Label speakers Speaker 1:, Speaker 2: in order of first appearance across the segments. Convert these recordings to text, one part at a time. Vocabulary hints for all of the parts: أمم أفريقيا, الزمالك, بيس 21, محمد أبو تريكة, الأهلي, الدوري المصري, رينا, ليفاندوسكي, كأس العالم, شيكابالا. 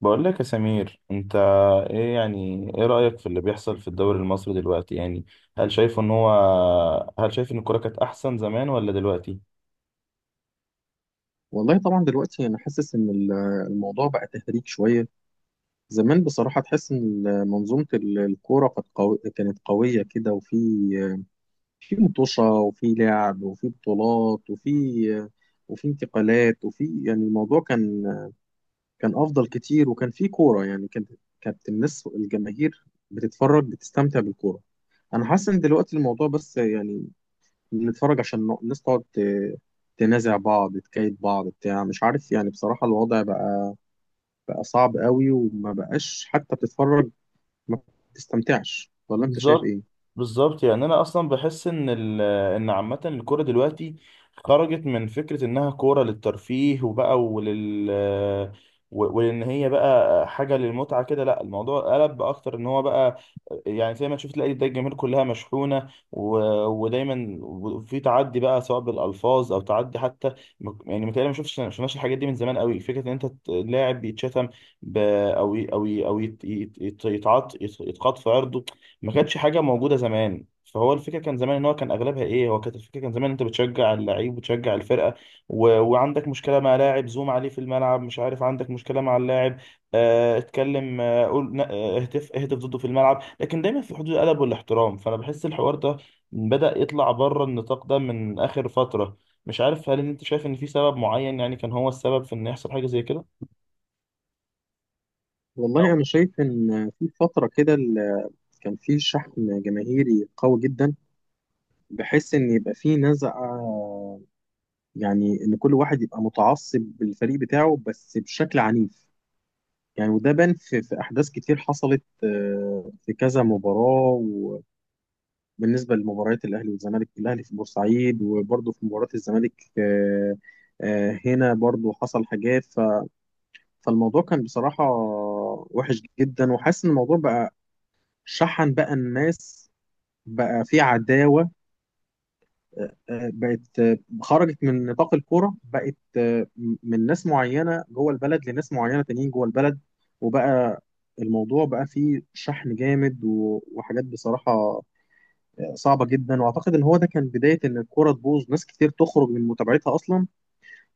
Speaker 1: بقول لك يا سمير، انت ايه رأيك في اللي بيحصل في الدوري المصري دلوقتي؟ يعني هل شايف ان هو هل شايف ان الكورة كانت احسن زمان ولا دلوقتي؟
Speaker 2: والله طبعا دلوقتي انا حاسس الموضوع بقى تهريج شويه. زمان بصراحه تحس ان الكوره كانت قوي، كانت قويه كده، وفي مطوشه، وفي لعب، وفي بطولات، وفي انتقالات، وفي يعني الموضوع كان كان افضل كتير، وكان في كوره يعني كانت الجماهير بتتفرج، بتستمتع بالكوره. انا حاسس ان دلوقتي الموضوع بس يعني بنتفرج عشان الناس تقعد تنازع بعض، تكايد بعض، بتاع مش عارف. يعني بصراحة الوضع بقى صعب قوي، وما بقاش حتى بتتفرج، ما بتستمتعش، ولا انت شايف
Speaker 1: بالظبط،
Speaker 2: ايه؟
Speaker 1: بالظبط. يعني انا اصلا بحس ان عامه الكوره دلوقتي خرجت من فكره انها كوره للترفيه وان هي بقى حاجه للمتعه كده. لا، الموضوع قلب اكتر ان هو بقى، يعني زي ما تشوف، تلاقي ده الجماهير كلها مشحونه، ودايما في تعدي بقى، سواء بالالفاظ او تعدي حتى. يعني متهيألي ما شفتش، ما شفناش الحاجات دي من زمان قوي، فكره ان انت لاعب بيتشتم، ب... او ي- او ي- او يت... يتقاط في عرضه. ما كانتش حاجه موجوده زمان. فهو الفكره كان زمان ان هو كان اغلبها ايه هو، كانت الفكره كان زمان انت بتشجع اللعيب وتشجع الفرقه، وعندك مشكله مع لاعب، زوم عليه في الملعب، مش عارف، عندك مشكله مع اللاعب، اتكلم، آه، قول ن- آه، اهتف اهتف ضده في الملعب، لكن دايما في حدود الادب والاحترام. فانا بحس الحوار ده بدأ يطلع بره النطاق ده من اخر فتره. مش عارف، هل انت شايف ان في سبب معين يعني كان هو السبب في ان يحصل حاجه زي كده؟
Speaker 2: والله انا شايف ان في فترة كده كان في شحن جماهيري قوي جدا، بحيث ان يبقى في نزعة، يعني ان كل واحد يبقى متعصب بالفريق بتاعه، بس بشكل عنيف. يعني وده بان في احداث كتير حصلت، في كذا مباراة، بالنسبه لمباريات الاهلي والزمالك، الاهلي في بورسعيد، وبرضه في مباراه الزمالك، هنا برضه حصل حاجات. ف- فالموضوع كان بصراحه وحش جدا، وحاسس ان الموضوع بقى شحن، بقى الناس بقى في عداوه. بقت، خرجت من نطاق الكوره، بقت من ناس معينه جوه البلد لناس معينه تانيين جوه البلد. وبقى الموضوع بقى فيه شحن جامد، وحاجات بصراحه صعبه جدا. واعتقد ان هو ده كان بدايه ان الكوره تبوظ، ناس كتير تخرج من متابعتها اصلا،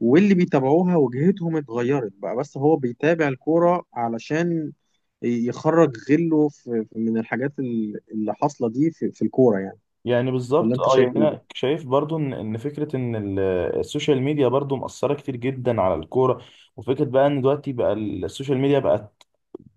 Speaker 2: واللي بيتابعوها وجهتهم اتغيرت، بقى بس هو بيتابع الكوره علشان يخرج غله من الحاجات اللي حاصله دي في الكوره يعني.
Speaker 1: يعني
Speaker 2: ولا
Speaker 1: بالظبط.
Speaker 2: انت
Speaker 1: اه، يعني
Speaker 2: شايف
Speaker 1: انا
Speaker 2: ايه؟
Speaker 1: شايف برضو ان فكره السوشيال ميديا برضو مأثره كتير جدا على الكوره، وفكره بقى ان دلوقتي بقى السوشيال ميديا بقت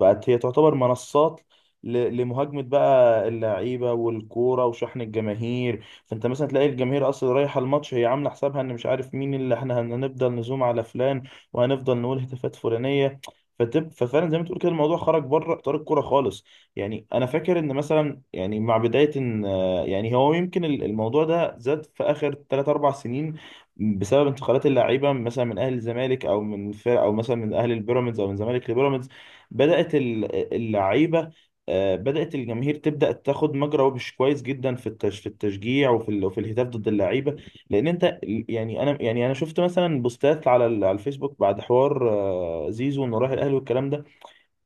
Speaker 1: بقت هي تعتبر منصات لمهاجمة بقى اللعيبة والكورة وشحن الجماهير. فانت مثلا تلاقي الجماهير اصلا رايحة الماتش هي عاملة حسابها ان مش عارف مين اللي احنا هنفضل نزوم على فلان، وهنفضل نقول هتافات فلانية. ففعلا زي ما تقول كده، الموضوع خرج بره اطار الكوره خالص. يعني انا فاكر ان مثلا، يعني مع بدايه ان يعني هو يمكن الموضوع ده زاد في اخر 3 4 سنين، بسبب انتقالات اللاعيبه مثلا من اهل الزمالك او من فرق، او مثلا من اهل البيراميدز او من زمالك لبيراميدز. بدأت اللعيبة، بدأت الجماهير تبدأ تاخد مجرى وبش كويس جدا في في التشجيع، وفي وفي الهتاف ضد اللعيبة. لأن أنت يعني أنا شفت مثلا بوستات على على الفيسبوك بعد حوار، زيزو إنه راح الأهلي والكلام ده.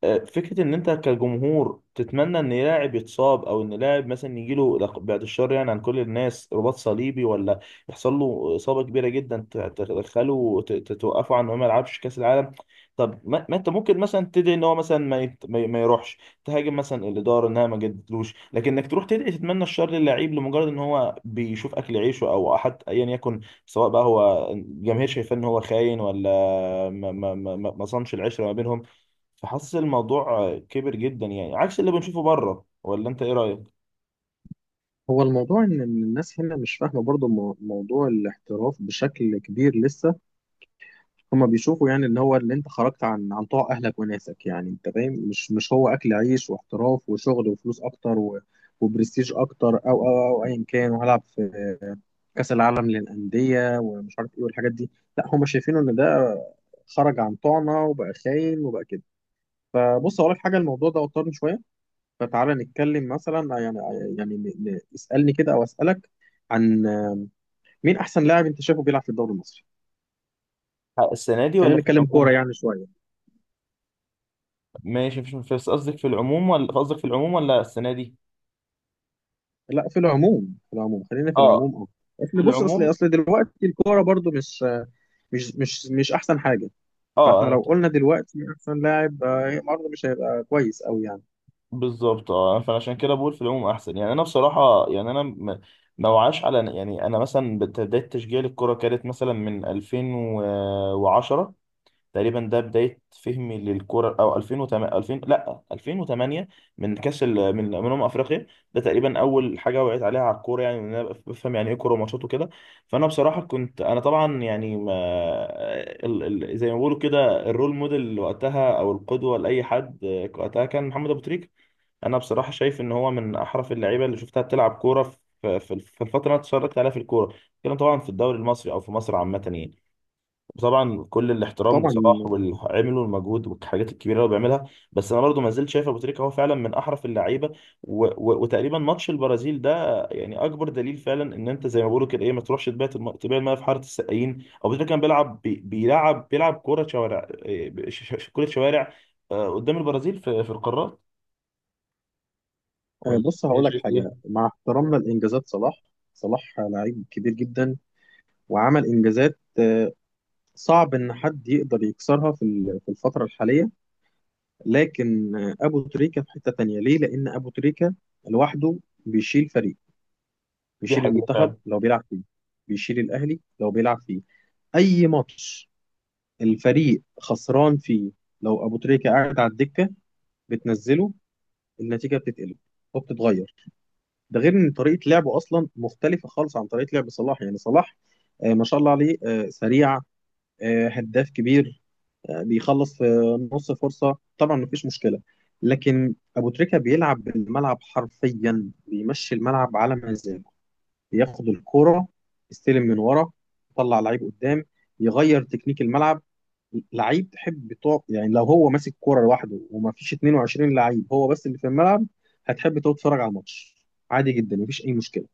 Speaker 1: فكرة إن أنت كجمهور تتمنى إن لاعب يتصاب، أو إن لاعب مثلا يجيله بعد الشر يعني عن كل الناس رباط صليبي، ولا يحصل له إصابة كبيرة جدا توقفه عن إنه ما يلعبش كأس العالم. طب ما أنت ممكن مثلا تدعي إن هو مثلا ما, يت... ما, ي- ما يروحش، تهاجم مثلا الإدارة إنها ما جددتلوش، لكن إنك تروح تدعي تتمنى الشر للعيب لمجرد إن هو بيشوف أكل عيشه، أو حتى أيا يكن، سواء بقى هو الجماهير شايفاه إن هو خاين ولا ما صانش العشرة ما بينهم. فحاسس الموضوع كبر جدا يعني، عكس اللي بنشوفه بره. ولا انت ايه رايك؟
Speaker 2: هو الموضوع ان إن الناس هنا مش فاهمه برضو موضوع الاحتراف بشكل كبير لسه. هما بيشوفوا يعني ان هو اللي انت خرجت عن طوع اهلك وناسك، يعني انت فاهم، مش هو اكل عيش واحتراف وشغل وفلوس اكتر، و وبرستيج اكتر، او ايا كان، وهلعب في كاس العالم للانديه ومش عارف ايه والحاجات دي. لا، هما شايفينه ان ده خرج عن طوعنا وبقى خاين وبقى كده. فبص اقول لك حاجه، الموضوع ده وترني شويه، فتعالى نتكلم مثلا يعني، يعني اسالني كده او اسالك عن مين احسن لاعب انت شايفه بيلعب في الدوري المصري.
Speaker 1: السنه دي ولا
Speaker 2: خلينا
Speaker 1: في
Speaker 2: نتكلم
Speaker 1: العموم؟
Speaker 2: كوره يعني شويه.
Speaker 1: ماشي، مفيش مشكلة. بس قصدك في العموم ولا السنه دي؟
Speaker 2: لا، في العموم، في العموم، خلينا في
Speaker 1: اه،
Speaker 2: العموم، اه. اصل
Speaker 1: في
Speaker 2: بص، اصل
Speaker 1: العموم.
Speaker 2: اصل دلوقتي الكوره برضو مش مش احسن حاجه،
Speaker 1: اه،
Speaker 2: فاحنا
Speaker 1: انا.
Speaker 2: لو قلنا دلوقتي احسن لاعب برضه مش هيبقى كويس قوي يعني.
Speaker 1: بالظبط، اه، فعشان كده بقول في العموم احسن. يعني انا بصراحه، يعني انا ما وعاش على، يعني انا مثلا بدايه تشجيع الكره كانت مثلا من 2010 تقريبا، ده بداية فهمي للكرة، أو 2008 2000 لا 2008، من كأس من أمم أفريقيا. ده تقريبا أول حاجة وعيت عليها على الكورة، يعني إن أنا بفهم يعني إيه كورة وماتشات وكده. فأنا بصراحة كنت أنا طبعا يعني ما زي ما بيقولوا كده، الرول موديل وقتها أو القدوة لأي حد وقتها، كان محمد أبو تريكة. أنا بصراحة شايف إن هو من أحرف اللعيبة اللي شفتها بتلعب كورة في الفترة اللي أنا اتفرجت عليها في الكورة، كان طبعا في الدوري المصري أو في مصر عامة يعني. وطبعا كل الاحترام
Speaker 2: طبعا.
Speaker 1: لصلاح واللي عمله والمجهود والحاجات الكبيره اللي هو بيعملها، بس انا برضو ما زلت شايف ابو تريكه هو فعلا من احرف اللعيبه. وتقريبا ماتش البرازيل ده يعني اكبر دليل فعلا ان انت زي ما بيقولوا كده، ايه، ما تروحش تبيع تبيع الميه في حاره السقايين. ابو تريكه كان بيلعب بي... بيلعب بيلعب كوره شوارع، إيه، ب- ش... ش... كوره شوارع آه، قدام البرازيل في القارات. ولا
Speaker 2: بص
Speaker 1: ايه
Speaker 2: هقول لك
Speaker 1: شايف
Speaker 2: حاجه،
Speaker 1: ايه؟
Speaker 2: مع احترامنا لانجازات صلاح، صلاح لعيب كبير جدا، وعمل انجازات صعب ان حد يقدر يكسرها في في الفتره الحاليه، لكن ابو تريكه في حته تانيه، ليه؟ لان ابو تريكه لوحده بيشيل فريق،
Speaker 1: دي
Speaker 2: بيشيل
Speaker 1: حقيقه
Speaker 2: المنتخب
Speaker 1: فعلا.
Speaker 2: لو بيلعب فيه، بيشيل الاهلي لو بيلعب فيه. اي ماتش الفريق خسران فيه، لو ابو تريكه قاعد على الدكه بتنزله، النتيجه بتتقلب وبتتغير. ده غير ان طريقه لعبه اصلا مختلفه خالص عن طريقه لعب صلاح. يعني صلاح ما شاء الله عليه، سريع، هداف كبير، بيخلص في نص فرصه، طبعا مفيش مشكله. لكن ابو تريكه بيلعب الملعب حرفيا، بيمشي الملعب على مزاجه، ياخد الكرة، يستلم من ورا، يطلع لعيب قدام، يغير تكنيك الملعب، لعيب تحب تقف. يعني لو هو ماسك كرة لوحده وما فيش 22 لعيب، هو بس اللي في الملعب، هتحب تقعد تتفرج على الماتش، عادي جدا مفيش اي مشكله.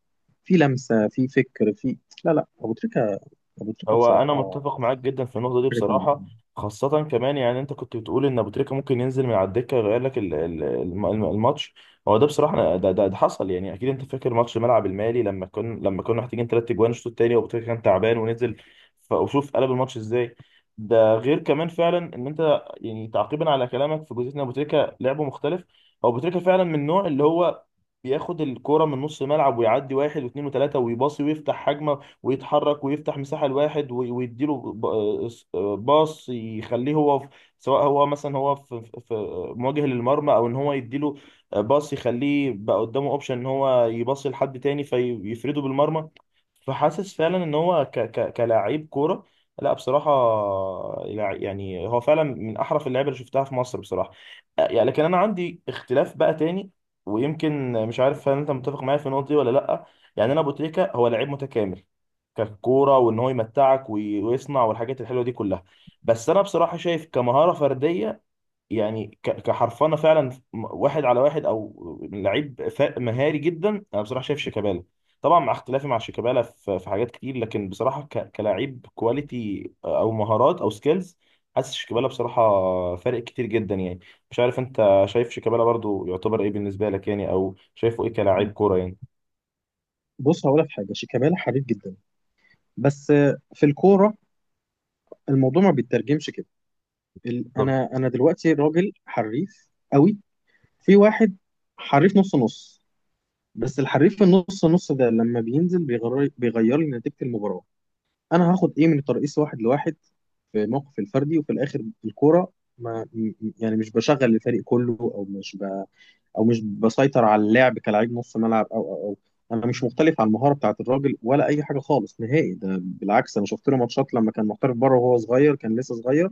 Speaker 2: في لمسه، في فكر، في، لا لا، ابو تريكه، ابو تريكه
Speaker 1: هو انا
Speaker 2: بصراحه
Speaker 1: متفق معاك جدا في النقطه دي
Speaker 2: حاجه
Speaker 1: بصراحه،
Speaker 2: تانيه.
Speaker 1: خاصه كمان، يعني انت كنت بتقول ان ابو تريكه ممكن ينزل من على الدكه يغير لك الماتش. هو ده بصراحه ده حصل. يعني اكيد انت فاكر ماتش ملعب المالي لما كنا، محتاجين ثلاث اجوان الشوط الثاني، وابو تريكه كان تعبان ونزل، وشوف قلب الماتش ازاي. ده غير كمان فعلا ان انت يعني، تعقيبا على كلامك في جزئيه ان ابو تريكه لعبه مختلف. هو ابو تريكه فعلا من النوع اللي هو بياخد الكوره من نص الملعب ويعدي واحد واثنين وثلاثه، ويباصي ويفتح هجمه، ويتحرك ويفتح مساحة لواحد وي- ويديله ب- آه، س- آه، باص يخليه هو في، سواء هو مثلا هو في مواجه للمرمى، او ان هو يديله باص يخليه بقى قدامه اوبشن ان هو يباصي لحد تاني فيفرده بالمرمى. فحاسس فعلا ان هو ك ك كلاعب كورة، لا بصراحة، يعني هو فعلا من أحرف اللعيبة اللي شفتها في مصر بصراحة. يعني لكن أنا عندي اختلاف بقى تاني، ويمكن مش عارف هل أنت متفق معايا في النقطة دي ولا لأ. يعني أنا أبو تريكة هو لعيب متكامل ككوره، وان هو يمتعك ويصنع، والحاجات الحلوه دي كلها. بس انا بصراحه شايف كمهاره فرديه، يعني كحرفنه فعلا، واحد على واحد، او لعيب مهاري جدا، انا بصراحه شايف شيكابالا. طبعا مع اختلافي مع شيكابالا في في حاجات كتير، لكن بصراحه كلاعب كواليتي او مهارات او سكيلز، حاسس شيكابالا بصراحه فارق كتير جدا يعني. مش عارف انت شايف شيكابالا برضو يعتبر ايه بالنسبه لك يعني، او شايفه ايه كلاعب كوره يعني؟
Speaker 2: بص هقول لك حاجه، شيكابالا حريف جدا، بس في الكوره الموضوع ما بيترجمش كده. انا دلوقتي راجل حريف قوي، في واحد حريف نص نص، بس الحريف النص نص ده لما بينزل بيغير، لي نتيجة المباراة. انا هاخد ايه من الترقيص واحد لواحد في موقف الفردي وفي الاخر الكورة ما م- م- يعني مش بشغل الفريق كله، او مش ب... او مش بسيطر على اللعب كلاعب نص ملعب او او او انا مش مختلف على المهارة بتاعت الراجل ولا اي حاجة خالص نهائي، ده بالعكس، انا شفت له ماتشات لما كان محترف بره وهو صغير، كان لسه صغير،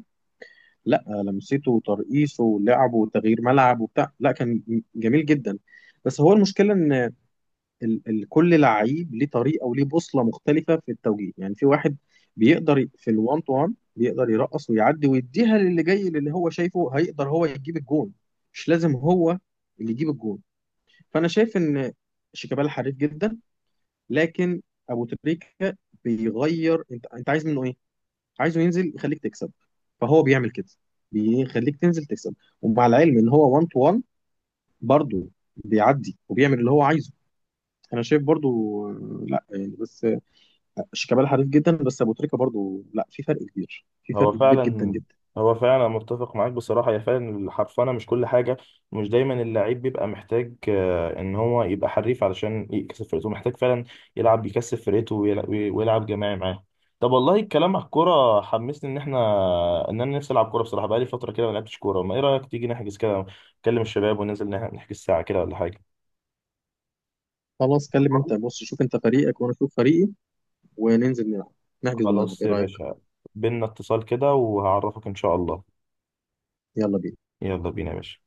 Speaker 2: لا لمسته وترقيصه ولعبه وتغيير ملعب وبتاع، لا كان جميل جدا. بس هو المشكلة ان ال ال كل لعيب ليه طريقه وليه بوصله مختلفه في التوجيه. يعني في واحد في الوان تو وان بيقدر يرقص ويعدي ويديها للي جاي اللي هو شايفه هيقدر هو يجيب الجون، مش لازم هو اللي يجيب الجون. فانا شايف ان شيكابالا حريف جدا، لكن ابو تريكه بيغير، انت انت عايز منه ايه؟ عايزه ينزل يخليك تكسب، فهو بيعمل كده، بيخليك تنزل تكسب. ومع العلم ان هو 1 تو 1 برضه بيعدي وبيعمل اللي هو عايزه. انا شايف برضو لا يعني بس شيكابالا حريف جدا، بس ابو تريكه برضو، لا في فرق كبير، في فرق
Speaker 1: هو
Speaker 2: كبير جدا
Speaker 1: فعلا،
Speaker 2: جدا.
Speaker 1: هو فعلا متفق معاك بصراحة. هي فعلا الحرفنة مش كل حاجة، مش دايما اللعيب بيبقى محتاج إن هو يبقى حريف علشان يكسب فرقته، محتاج فعلا يلعب يكسب فرقته ويلعب جماعي معاه. طب والله الكلام على الكورة حمسني إن إحنا إن أنا نفسي ألعب كورة بصراحة، بقالي فترة كده ما لعبتش كورة. ما إيه رأيك تيجي نحجز كده، نكلم الشباب وننزل نحجز ساعة كده ولا حاجة؟
Speaker 2: خلاص كلم انت،
Speaker 1: فاضي؟
Speaker 2: بص شوف انت فريقك وانا اشوف فريقي، وننزل نلعب، نحجز ونلعب،
Speaker 1: خلاص
Speaker 2: ايه
Speaker 1: يا
Speaker 2: رايك؟
Speaker 1: باشا، بينا اتصال كده وهعرفك إن شاء الله.
Speaker 2: يلا بينا.
Speaker 1: يلا بينا يا باشا.